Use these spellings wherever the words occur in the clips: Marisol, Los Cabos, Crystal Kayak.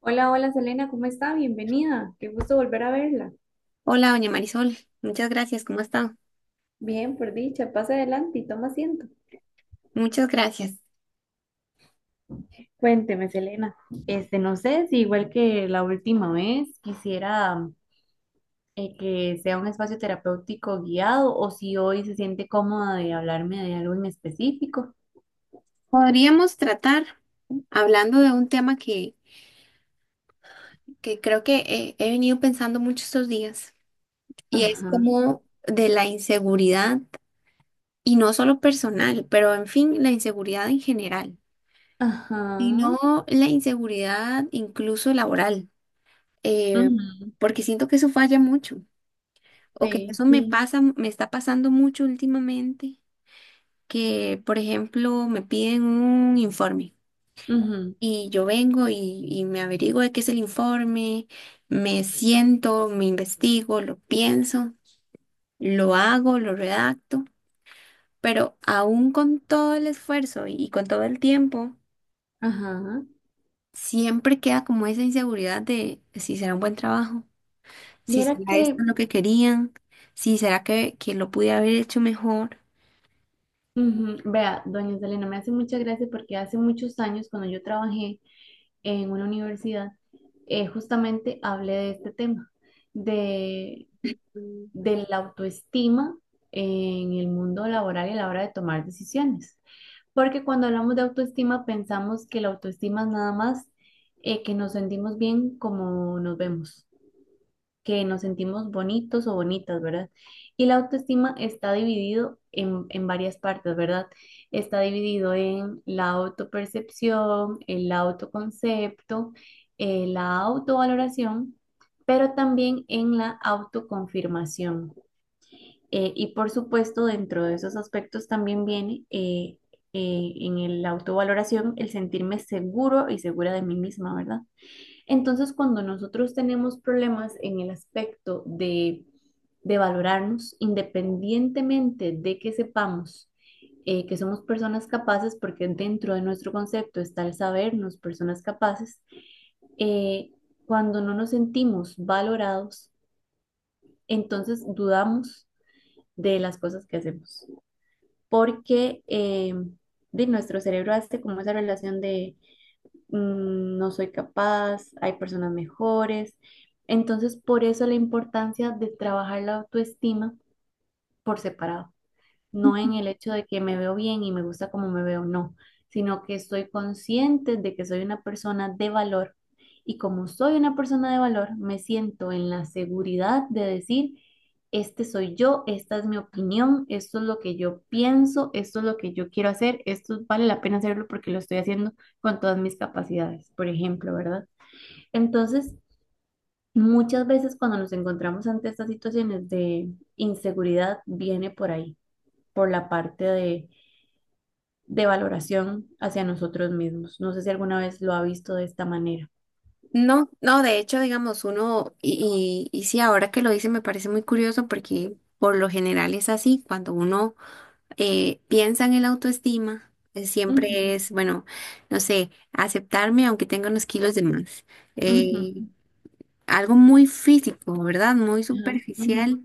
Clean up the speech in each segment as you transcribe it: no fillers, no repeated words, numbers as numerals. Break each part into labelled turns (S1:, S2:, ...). S1: Hola, hola Selena, ¿cómo está? Bienvenida. Qué gusto volver a verla.
S2: Hola, doña Marisol. Muchas gracias. ¿Cómo está?
S1: Bien, por dicha, pase adelante y toma asiento.
S2: Muchas gracias.
S1: Cuénteme, Selena. Este, no sé si igual que la última vez quisiera que sea un espacio terapéutico guiado o si hoy se siente cómoda de hablarme de algo en específico.
S2: Podríamos tratar hablando de un tema que creo que he venido pensando mucho estos días, y es
S1: Ajá.
S2: como de la inseguridad, y no solo personal, pero en fin, la inseguridad en general,
S1: Ajá.
S2: sino la inseguridad incluso laboral, eh,
S1: Ujú.
S2: porque siento que eso falla mucho o que
S1: Sí,
S2: eso me
S1: sí.
S2: pasa, me está pasando mucho últimamente, que por ejemplo me piden un informe.
S1: Ujú.
S2: Y yo vengo y me averiguo de qué es el informe, me siento, me investigo, lo pienso, lo hago, lo redacto, pero aún con todo el esfuerzo y con todo el tiempo,
S1: Ajá.
S2: siempre queda como esa inseguridad de si será un buen trabajo, si
S1: Viera
S2: será
S1: que,
S2: esto lo que querían, si será que lo pude haber hecho mejor.
S1: ujú, vea, doña Selena, me hace mucha gracia porque hace muchos años cuando yo trabajé en una universidad, justamente hablé de este tema, de, de la autoestima en el mundo laboral y a la hora de tomar decisiones. Porque cuando hablamos de autoestima pensamos que la autoestima es nada más que nos sentimos bien como nos vemos, que nos sentimos bonitos o bonitas, ¿verdad? Y la autoestima está dividido en varias partes, ¿verdad? Está dividido en la autopercepción, el autoconcepto, la autovaloración, pero también en la autoconfirmación. Y por supuesto, dentro de esos aspectos también viene en la autovaloración el sentirme seguro y segura de mí misma, ¿verdad? Entonces, cuando nosotros tenemos problemas en el aspecto de valorarnos, independientemente de que sepamos que somos personas capaces, porque dentro de nuestro concepto está el sabernos personas capaces, eh, cuando no nos sentimos valorados, entonces dudamos de las cosas que hacemos, porque de nuestro cerebro hace como esa relación de no soy capaz, hay personas mejores. Entonces, por eso la importancia de trabajar la autoestima por separado, no en el hecho de que me veo bien y me gusta como me veo, no, sino que estoy consciente de que soy una persona de valor, y como soy una persona de valor, me siento en la seguridad de decir, este soy yo, esta es mi opinión, esto es lo que yo pienso, esto es lo que yo quiero hacer, esto vale la pena hacerlo porque lo estoy haciendo con todas mis capacidades, por ejemplo, ¿verdad? Entonces. Muchas veces cuando nos encontramos ante estas situaciones de inseguridad viene por ahí, por la parte de valoración hacia nosotros mismos. No sé si alguna vez lo ha visto de esta manera.
S2: No, no, de hecho, digamos, uno, y sí, ahora que lo dice me parece muy curioso porque por lo general es así. Cuando uno piensan en la autoestima, siempre
S1: Ujú.
S2: es, bueno, no sé, aceptarme aunque tenga unos kilos de más.
S1: Ujú.
S2: Eh, Algo muy físico, ¿verdad? Muy
S1: Ajá. Ujú.
S2: superficial,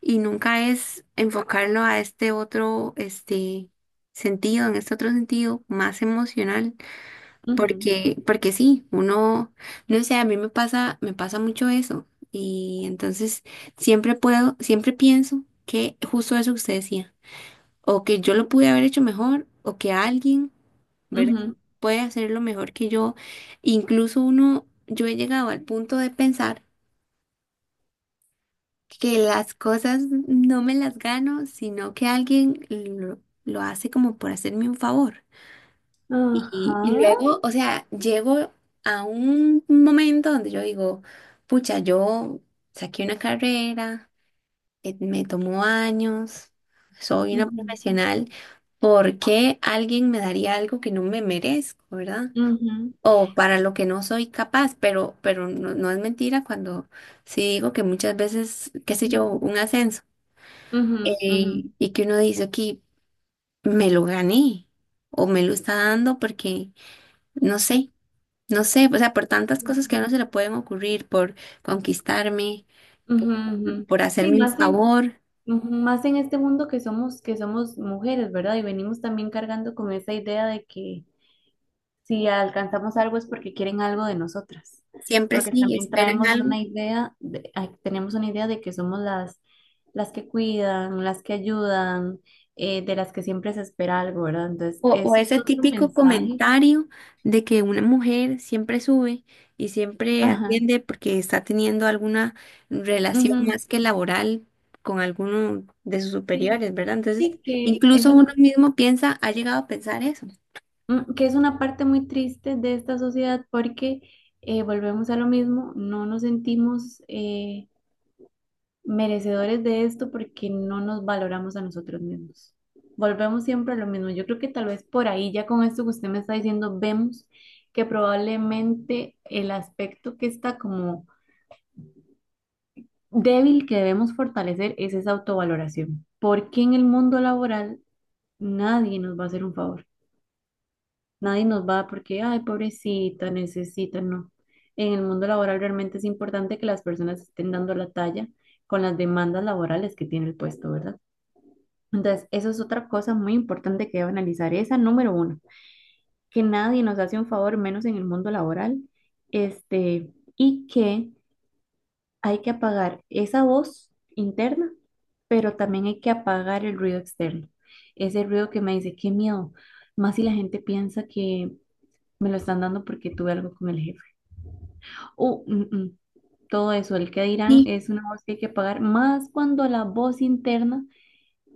S2: y nunca es enfocarlo a este otro, este sentido, en este otro sentido más emocional,
S1: Ujú.
S2: porque, porque sí, uno, no sé, a mí me pasa mucho eso, y entonces siempre puedo, siempre pienso que justo eso que usted decía, o que yo lo pude haber hecho mejor, o que alguien, ¿verdad?
S1: Ujú.
S2: Puede hacerlo mejor que yo. Incluso uno, yo he llegado al punto de pensar que las cosas no me las gano, sino que alguien lo hace como por hacerme un favor. Y y
S1: Ajá.
S2: luego, o sea, llego a un momento donde yo digo, pucha, yo saqué una carrera. Me tomó años, soy una
S1: Ujú.
S2: profesional. ¿Por qué alguien me daría algo que no me merezco, verdad?
S1: Ujú.
S2: O para lo que no soy capaz, pero no, no es mentira cuando sí digo que muchas veces, qué sé yo,
S1: Ujú.
S2: un ascenso,
S1: Ujú.
S2: y que uno dice aquí, me lo gané o me lo está dando porque no sé, no sé, o sea, por tantas cosas que a
S1: Ujú.
S2: uno se le pueden ocurrir, por conquistarme,
S1: Ujú. Ujú.
S2: por hacerme
S1: Sí,
S2: un
S1: más en,
S2: favor,
S1: ujú, más en este mundo que somos mujeres, ¿verdad? Y venimos también cargando con esa idea de que, si alcanzamos algo es porque quieren algo de nosotras,
S2: siempre
S1: porque
S2: sí
S1: también
S2: esperan
S1: traemos
S2: algo.
S1: una idea, ay, tenemos una idea de que somos las que cuidan, las que ayudan, de las que siempre se espera algo, ¿verdad? Entonces,
S2: O
S1: eso
S2: ese
S1: es otro
S2: típico
S1: mensaje.
S2: comentario de que una mujer siempre sube y siempre
S1: Ajá.
S2: atiende porque está teniendo alguna relación
S1: Ujú.
S2: más que laboral con alguno de sus
S1: Sí.
S2: superiores, ¿verdad? Entonces,
S1: Sí, que es
S2: incluso uno
S1: una,
S2: mismo piensa, ha llegado a pensar eso.
S1: mm, que es una parte muy triste de esta sociedad porque volvemos a lo mismo, no nos sentimos merecedores de esto porque no nos valoramos a nosotros mismos. Volvemos siempre a lo mismo. Yo creo que tal vez por ahí, ya con esto que usted me está diciendo, vemos que probablemente el aspecto que está como débil que debemos fortalecer es esa autovaloración. Porque en el mundo laboral nadie nos va a hacer un favor. Nadie nos va porque, ay, pobrecita, necesita, no. En el mundo laboral realmente es importante que las personas estén dando la talla con las demandas laborales que tiene el puesto, ¿verdad? Entonces, eso es otra cosa muy importante que debo analizar. Esa número uno, que nadie nos hace un favor, menos en el mundo laboral, este, y que hay que apagar esa voz interna, pero también hay que apagar el ruido externo. Ese ruido que me dice, qué miedo, más si la gente piensa que me lo están dando porque tuve algo con el jefe. O, todo eso, el que dirán
S2: Sí.
S1: es una voz que hay que apagar, más cuando la voz interna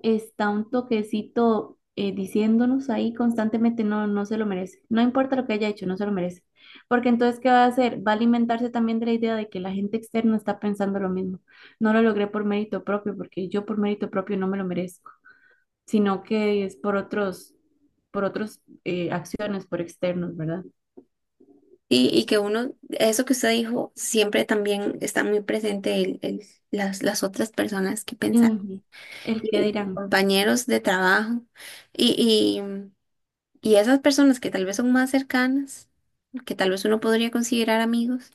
S1: está un toquecito diciéndonos ahí constantemente, no, no se lo merece. No importa lo que haya hecho, no se lo merece. Porque entonces, ¿qué va a hacer? Va a alimentarse también de la idea de que la gente externa está pensando lo mismo. No lo logré por mérito propio, porque yo por mérito propio no me lo merezco, sino que es por otros acciones, por externos, ¿verdad?
S2: Y que uno, eso que usted dijo, siempre también está muy presente el- las otras personas que piensan,
S1: Ujú. El que
S2: y
S1: dirán.
S2: compañeros de trabajo. Y y esas personas que tal vez son más cercanas, que tal vez uno podría considerar amigos,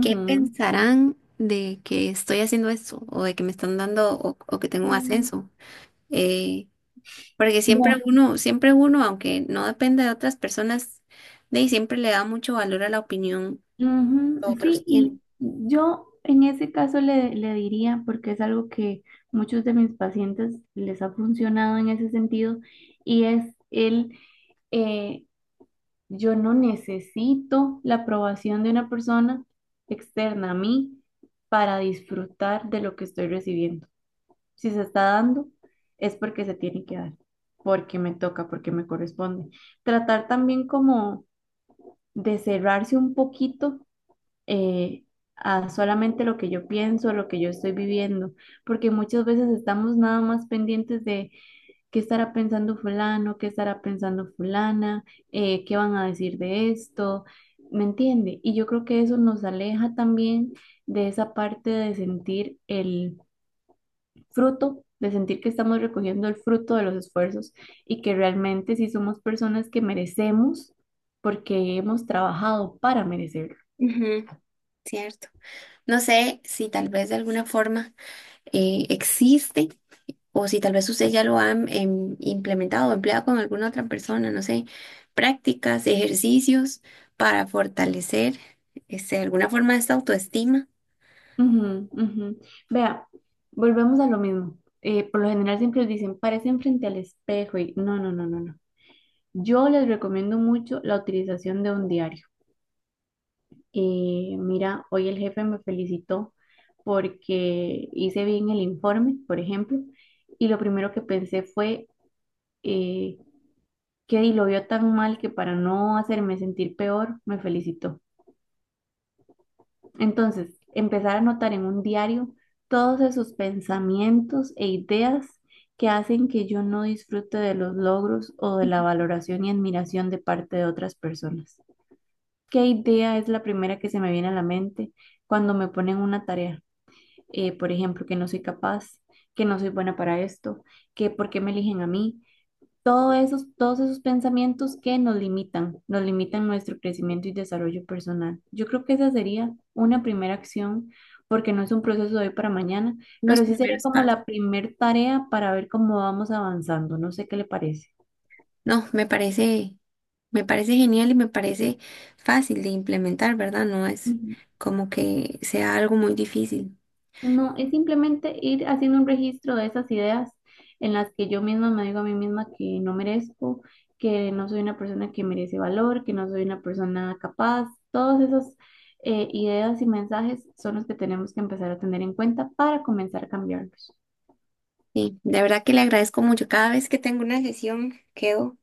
S2: ¿qué pensarán de que estoy haciendo esto o de que me están dando o que tengo un
S1: Sí.
S2: ascenso? Eh, Porque siempre uno, aunque no depende de otras personas, de ahí siempre le da mucho valor a la opinión
S1: Ujú.
S2: que
S1: Sí,
S2: otros tienen.
S1: y yo en ese caso le diría, porque es algo que muchos de mis pacientes les ha funcionado en ese sentido, y es eh, yo no necesito la aprobación de una persona externa a mí para disfrutar de lo que estoy recibiendo. Si se está dando, es porque se tiene que dar, porque me toca, porque me corresponde. Tratar también como de cerrarse un poquito eh, a solamente lo que yo pienso, lo que yo estoy viviendo, porque muchas veces estamos nada más pendientes de qué estará pensando fulano, qué estará pensando fulana, qué van a decir de esto, ¿me entiende? Y yo creo que eso nos aleja también de esa parte de sentir el fruto, de sentir que estamos recogiendo el fruto de los esfuerzos y que realmente sí somos personas que merecemos porque hemos trabajado para merecerlo.
S2: Ujú, cierto. No sé si tal vez de alguna forma existe. O si tal vez usted ya lo ha implementado o empleado con alguna otra persona, no sé, prácticas, ejercicios para fortalecer este, alguna forma de esta autoestima,
S1: Ujú. Ujú. Vea, volvemos a lo mismo. Por lo general siempre dicen, parecen frente al espejo y no, no, no, no, no. Yo les recomiendo mucho la utilización de un diario. Mira, hoy el jefe me felicitó porque hice bien el informe, por ejemplo, y lo primero que pensé fue eh, que di, lo vio tan mal que para no hacerme sentir peor, me felicitó. Entonces, empezar a anotar en un diario todos esos pensamientos e ideas que hacen que yo no disfrute de los logros o de la valoración y admiración de parte de otras personas. ¿Qué idea es la primera que se me viene a la mente cuando me ponen una tarea? Por ejemplo, que no soy capaz, que no soy buena para esto, que por qué me eligen a mí, todos esos pensamientos que nos limitan nuestro crecimiento y desarrollo personal. Yo creo que esa sería una primera acción, porque no es un proceso de hoy para mañana,
S2: unos
S1: pero sí sería
S2: primeros
S1: como
S2: pasos.
S1: la primer tarea para ver cómo vamos avanzando. No sé qué le parece.
S2: No, me parece genial y me parece fácil de implementar, ¿verdad? No es como que sea algo muy difícil.
S1: No, es simplemente ir haciendo un registro de esas ideas en las que yo misma me digo a mí misma que no merezco, que no soy una persona que merece valor, que no soy una persona capaz. Todas esas ideas y mensajes son los que tenemos que empezar a tener en cuenta para comenzar a cambiarlos.
S2: Sí, de verdad que le agradezco mucho. Cada vez que tengo una sesión quedo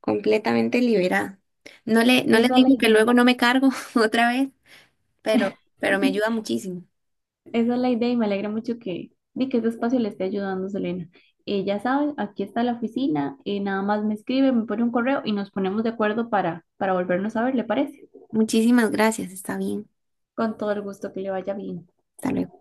S2: completamente liberada. No le, no le
S1: Esa es la
S2: digo que
S1: idea.
S2: luego no me cargo otra vez. pero, pero me ayuda muchísimo.
S1: Esa es la idea y me alegra mucho que, di, que este espacio le esté ayudando, Selena. Ya saben, aquí está la oficina, nada más me escribe, me pone un correo y nos ponemos de acuerdo para volvernos a ver, ¿le parece?
S2: Muchísimas gracias, está bien.
S1: Con todo el gusto, que le vaya bien.
S2: Hasta luego.